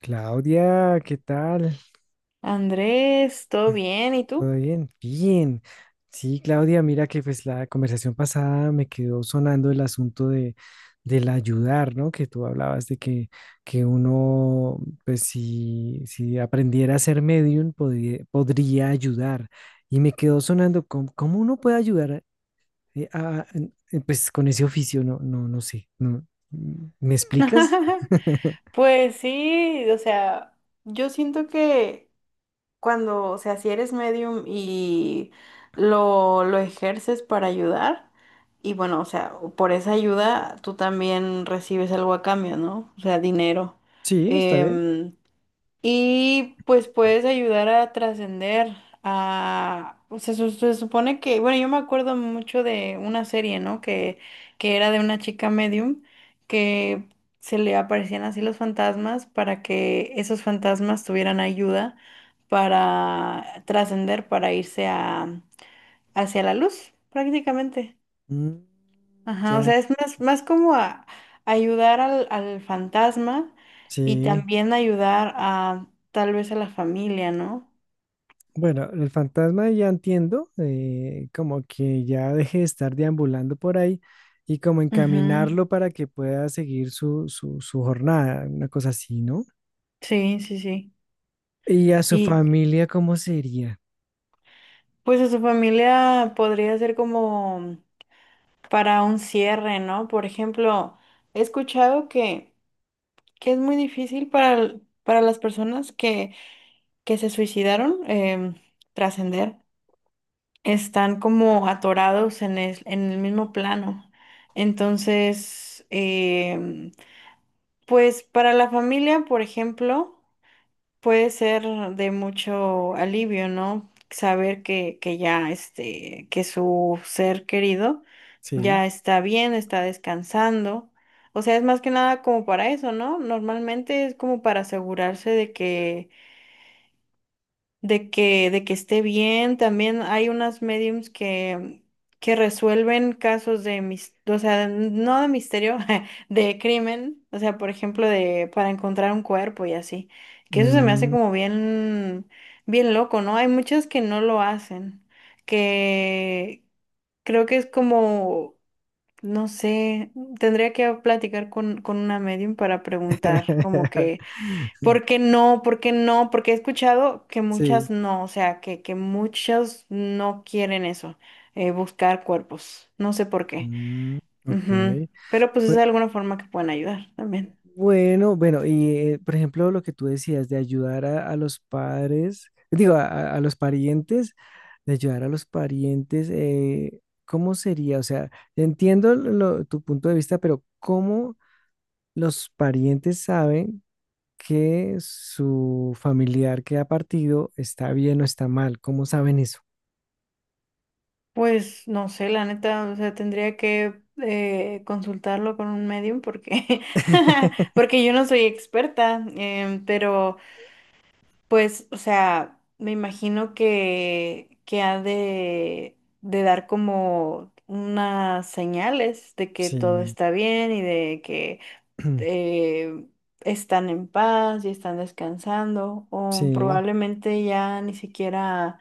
Claudia, ¿qué tal? Andrés, ¿todo bien? ¿Y ¿Todo tú? bien? Bien. Sí, Claudia, mira que pues la conversación pasada me quedó sonando el asunto de del ayudar, ¿no? Que tú hablabas de que uno, pues si aprendiera a ser medium, podría ayudar. Y me quedó sonando, ¿cómo uno puede ayudar eh, a- pues con ese oficio? No, no, no sé. No. ¿Me explicas? Pues sí, o sea, yo siento que si eres medium y lo ejerces para ayudar, y bueno, o sea, por esa ayuda tú también recibes algo a cambio, ¿no? O sea, dinero. Sí, está bien. Em, Y pues puedes ayudar a trascender a... O sea, supone que... Bueno, yo me acuerdo mucho de una serie, ¿no? Que era de una chica medium que se le aparecían así los fantasmas para que esos fantasmas tuvieran ayuda para trascender, para irse a, hacia la luz, prácticamente. Mm, Ajá, o ya, sea, es más, más como ayudar al fantasma y sí. también ayudar a tal vez a la familia, ¿no? Bueno, el fantasma ya entiendo, como que ya deje de estar deambulando por ahí y como encaminarlo Ujú. para que pueda seguir su jornada, una cosa así, ¿no? Sí, sí, sí. Y a su Y familia, ¿cómo sería? pues a su familia podría ser como para un cierre, ¿no? Por ejemplo, he escuchado que es muy difícil para, para las personas que se suicidaron, trascender. Están como atorados en el mismo plano. Entonces, pues para la familia, por ejemplo, puede ser de mucho alivio, ¿no? Saber que que su ser querido Sí. ya está bien, está descansando. O sea, es más que nada como para eso, ¿no? Normalmente es como para asegurarse de de que esté bien. También hay unas mediums que resuelven casos o sea, no de misterio, de crimen, o sea, por ejemplo, de para encontrar un cuerpo y así. Que eso se me hace Mm. como bien, bien loco, ¿no? Hay muchas que no lo hacen, que creo que es como, no sé, tendría que platicar con una medium para preguntar, como que ¿Por qué no? ¿Por qué no? Porque he escuchado que Sí. muchas no, o sea, que muchos no quieren eso, buscar cuerpos. No sé por qué. Mm, Ujú. ok. Pero pues es Pues, de alguna forma que pueden ayudar también. bueno, bueno, y por ejemplo, lo que tú decías de ayudar a los padres, digo, a los parientes, de ayudar a los parientes, ¿cómo sería? O sea, entiendo tu punto de vista, pero ¿cómo los parientes saben que su familiar que ha partido está bien o está mal? ¿Cómo saben eso? Pues no sé, la neta, o sea, tendría que consultarlo con un medium porque, porque yo no soy experta, pero pues, o sea, me imagino que ha de dar como unas señales de que todo Sí, está bien y de que eh, están en paz y están descansando, o sí, probablemente ya ni siquiera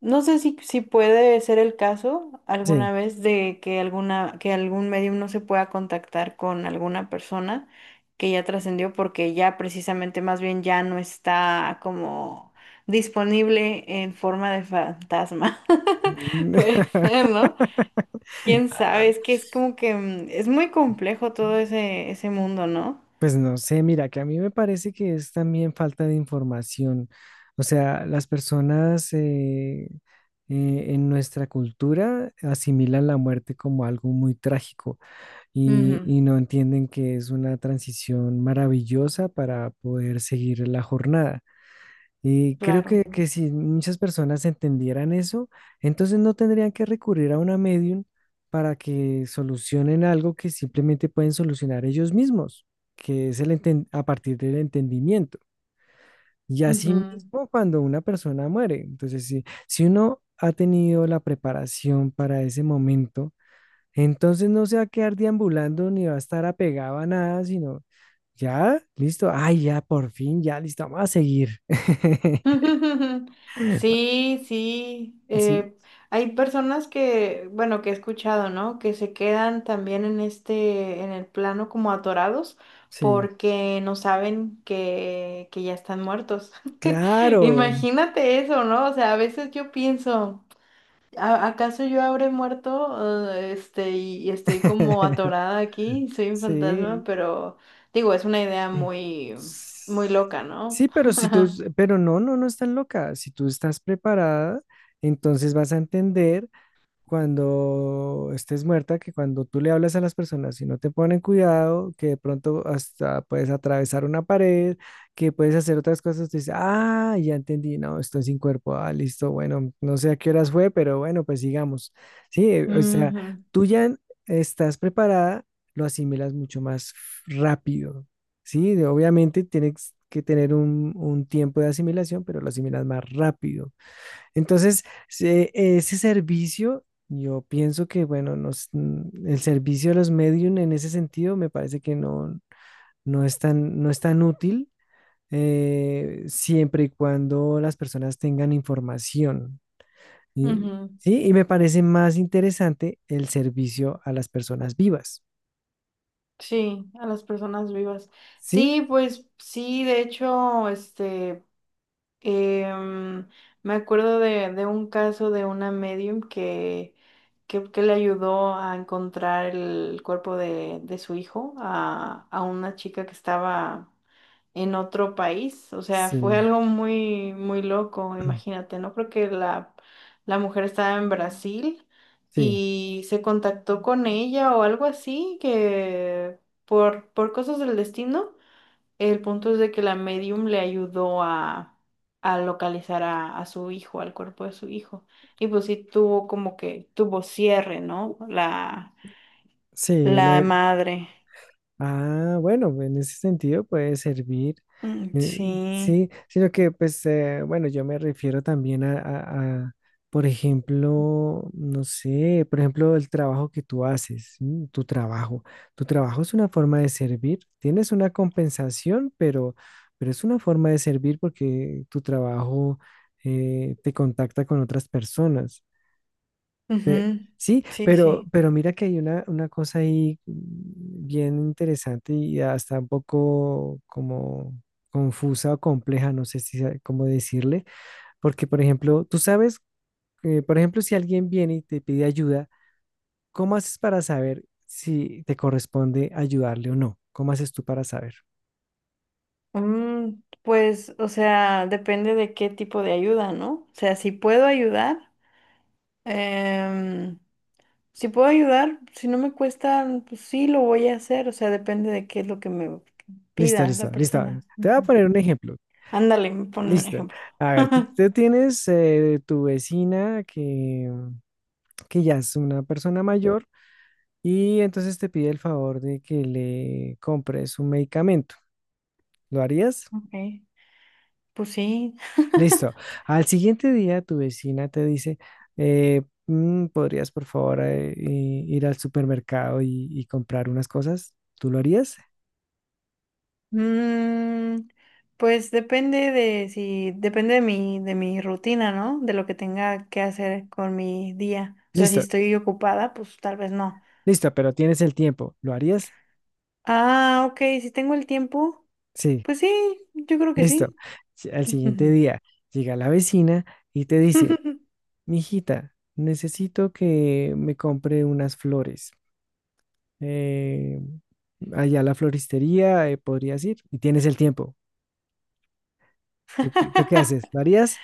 no sé si, si puede ser el caso sí. alguna vez de que alguna, que algún medium no se pueda contactar con alguna persona que ya trascendió porque ya precisamente más bien ya no está como disponible en forma de fantasma. Puede ser, ¿no? Quién sabe, es que es como que mm, es muy complejo todo ese, ese mundo, ¿no? Pues no sé, mira, que a mí me parece que es también falta de información. O sea, las personas en nuestra cultura asimilan la muerte como algo muy trágico Ujú, y no entienden que es una transición maravillosa para poder seguir la jornada. Y creo claro. que si muchas personas entendieran eso, entonces no tendrían que recurrir a una medium para que solucionen algo que simplemente pueden solucionar ellos mismos, que es a partir del entendimiento. Y así Ujú. mismo cuando una persona muere. Entonces, si uno ha tenido la preparación para ese momento, entonces no se va a quedar deambulando ni va a estar apegado a nada, sino ya, listo, ay, ya, por fin, ya, listo, vamos a seguir. Sí, sí. Sí, Hay personas que, bueno, que he escuchado, ¿no? Que se quedan también en este, en el plano como atorados sí, porque no saben que ya están muertos. claro. Imagínate eso, ¿no? O sea, a veces yo pienso, ¿acaso yo habré muerto? Y estoy como atorada aquí, soy un fantasma, Sí. pero digo, es una idea muy, S- muy loca, ¿no? Sí, pero si tú, pero no, no, no estás loca. Si tú estás preparada, entonces vas a entender cuando estés muerta, que cuando tú le hablas a las personas y no te ponen cuidado, que de pronto hasta puedes atravesar una pared, que puedes hacer otras cosas, te dice, ah, ya entendí, no, estoy sin cuerpo, ah, listo, bueno, no sé a qué horas fue, pero bueno, pues sigamos. Sí, o sea, Ujú, tú ya estás preparada, lo asimilas mucho más rápido, ¿sí? Obviamente tienes que tener un tiempo de asimilación, pero lo asimilas más rápido. Entonces, ese servicio, yo pienso que, bueno, el servicio de los medium en ese sentido me parece que no, no es tan útil siempre y cuando las personas tengan información. Y, ujú. sí, y me parece más interesante el servicio a las personas vivas. Sí, a las personas vivas. ¿Sí? Sí, pues sí, de hecho, este, em, me acuerdo de un caso de una medium que le ayudó a encontrar el cuerpo de su hijo a una chica que estaba en otro país. O sea, fue Sí. algo muy, muy loco, imagínate, ¿no? Porque la mujer estaba en Brasil Sí. y se contactó con ella o algo así, que por cosas del destino, el punto es de que la medium le ayudó a localizar a su hijo, al cuerpo de su hijo. Y pues sí tuvo como que, tuvo cierre, ¿no? La, Sí, el, la madre. ah, bueno, en ese sentido puede servir. Mm, eh, sí. sí, sino que, pues, bueno, yo me refiero también a, por ejemplo, no sé, por ejemplo, el trabajo que tú haces, ¿sí? Tu trabajo. Tu trabajo es una forma de servir. Tienes una compensación, pero es una forma de servir porque tu trabajo te contacta con otras personas. Ujú. Sí, Sí, sí. pero mira que hay una cosa ahí mm, bien interesante y hasta un poco como confusa o compleja, no sé si sa- cómo decirle, porque por ejemplo, tú sabes, por ejemplo, si alguien viene y te pide ayuda, ¿cómo haces para saber si te corresponde ayudarle o no? ¿Cómo haces tú para saber? Mm, pues, o sea, depende de qué tipo de ayuda, ¿no? O sea, si puedo ayudar, em, si puedo ayudar, si no me cuesta, pues sí lo voy a hacer, o sea, depende de qué es lo que me Listo, pida la listo, listo. persona. Te voy a Ujú. poner un ejemplo. Ándale, ponme un Listo. ejemplo. A ver, tú, tú tienes tu vecina que ya es una persona mayor y entonces te pide el favor de que le compres un medicamento. ¿Lo harías? Ok, pues sí. Listo. Al siguiente día tu vecina te dice, eh, ¿podrías por favor ir al supermercado y comprar unas cosas? ¿Tú lo harías? Mm, pues depende de si, depende de mi rutina, ¿no? De lo que tenga que hacer con mi día. O sea, si Listo, estoy ocupada, pues tal vez no. listo, pero tienes el tiempo. ¿Lo harías? Ah, ok, si tengo el tiempo, Sí, pues sí, yo creo que listo. sí. Al siguiente día llega la vecina y te dice, mijita, necesito que me compre unas flores. eh, Allá a la floristería, podrías ir y tienes el tiempo. ¿Tú qué haces? ¿Lo harías?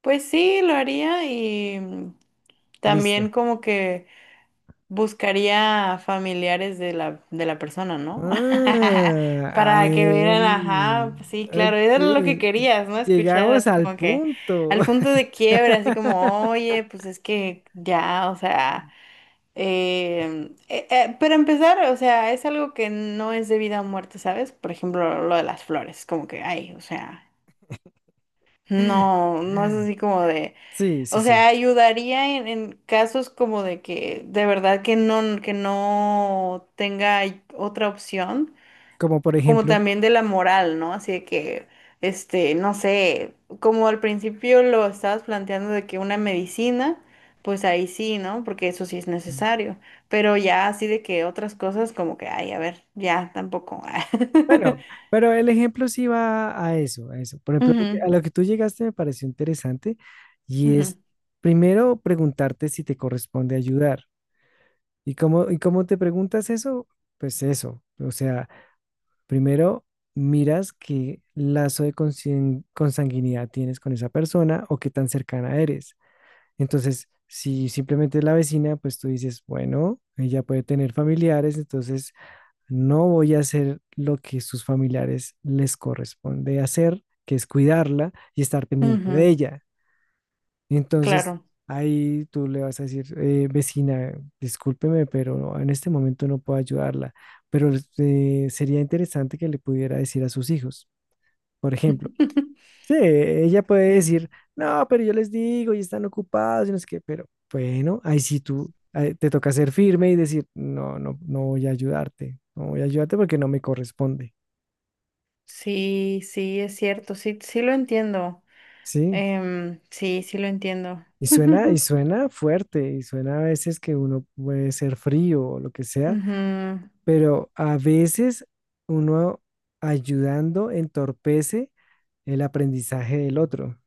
Pues sí, lo haría y mm, Listo. también como que buscaría familiares de la persona, ¿no? Ah, Para que ay, vieran, ajá, pues sí, claro, eso era lo que ok. querías, ¿no? Escuchar Llegamos así al como que punto. al punto de quiebre, así como, oye, pues es que ya, o sea... pero empezar, o sea, es algo que no es de vida o muerte, ¿sabes? Por ejemplo, lo de las flores, como que, ay, o sea, no, no es así como de, Sí, sí, o sí. sea, ayudaría en casos como de de verdad que no tenga otra opción, Como por como ejemplo, también de la moral, ¿no? Así de que, este, no sé, como al principio lo estabas planteando de que una medicina, pues ahí sí, ¿no? Porque eso sí es mm, necesario, pero ya así de que otras cosas como que, ay, a ver, ya tampoco. bueno, pero el ejemplo sí va a eso. Por ejemplo, a lo que tú llegaste me pareció interesante y Ujú, es ujú, primero preguntarte si te corresponde ayudar. ¿Y cómo te preguntas eso? Pues eso, o sea, primero miras qué lazo de consanguinidad tienes con esa persona o qué tan cercana eres. Entonces, si simplemente es la vecina, pues tú dices, bueno, ella puede tener familiares, entonces no voy a hacer lo que sus familiares les corresponde hacer, que es cuidarla y estar pendiente de ujú, ella. Entonces, claro. ahí tú le vas a decir, vecina, discúlpeme, pero en este momento no puedo ayudarla, pero sería interesante que le pudiera decir a sus hijos, por ejemplo. Sí, ella puede Eh, decir, no, pero yo les digo y están ocupados y no sé qué, pero bueno, ahí sí tú te toca ser firme y decir, no, no, no voy a ayudarte, no voy a ayudarte porque no me corresponde, sí, sí, es cierto, sí, sí lo entiendo. ¿sí? Sí, sí lo entiendo. Y suena fuerte, y suena a veces que uno puede ser frío o lo que sea, Ujú. pero a veces uno ayudando entorpece el aprendizaje del otro.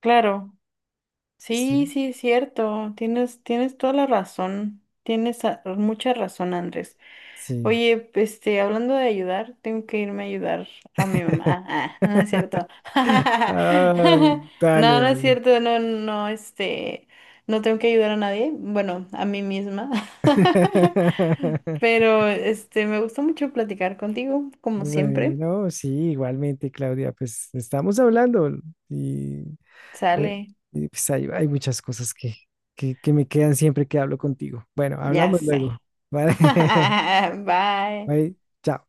Claro. Sí, Sí, sí, es cierto. Tienes, tienes toda la razón. Tienes mucha razón, Andrés. sí. Oye, este, hablando de ayudar, tengo que irme a ayudar a mi mamá. Ah, ah, no es cierto. Ay, No, dale, no es dale. cierto. No, no, este, no tengo que ayudar a nadie. Bueno, a mí misma. Pero, este, me gustó mucho platicar contigo, como siempre. Bueno, sí, igualmente, Claudia, pues estamos hablando y, eh, Sale, y, pues hay muchas cosas que, que me quedan siempre que hablo contigo. Bueno, ya hablamos sé. luego, ¿vale? Bye. Bye, chao.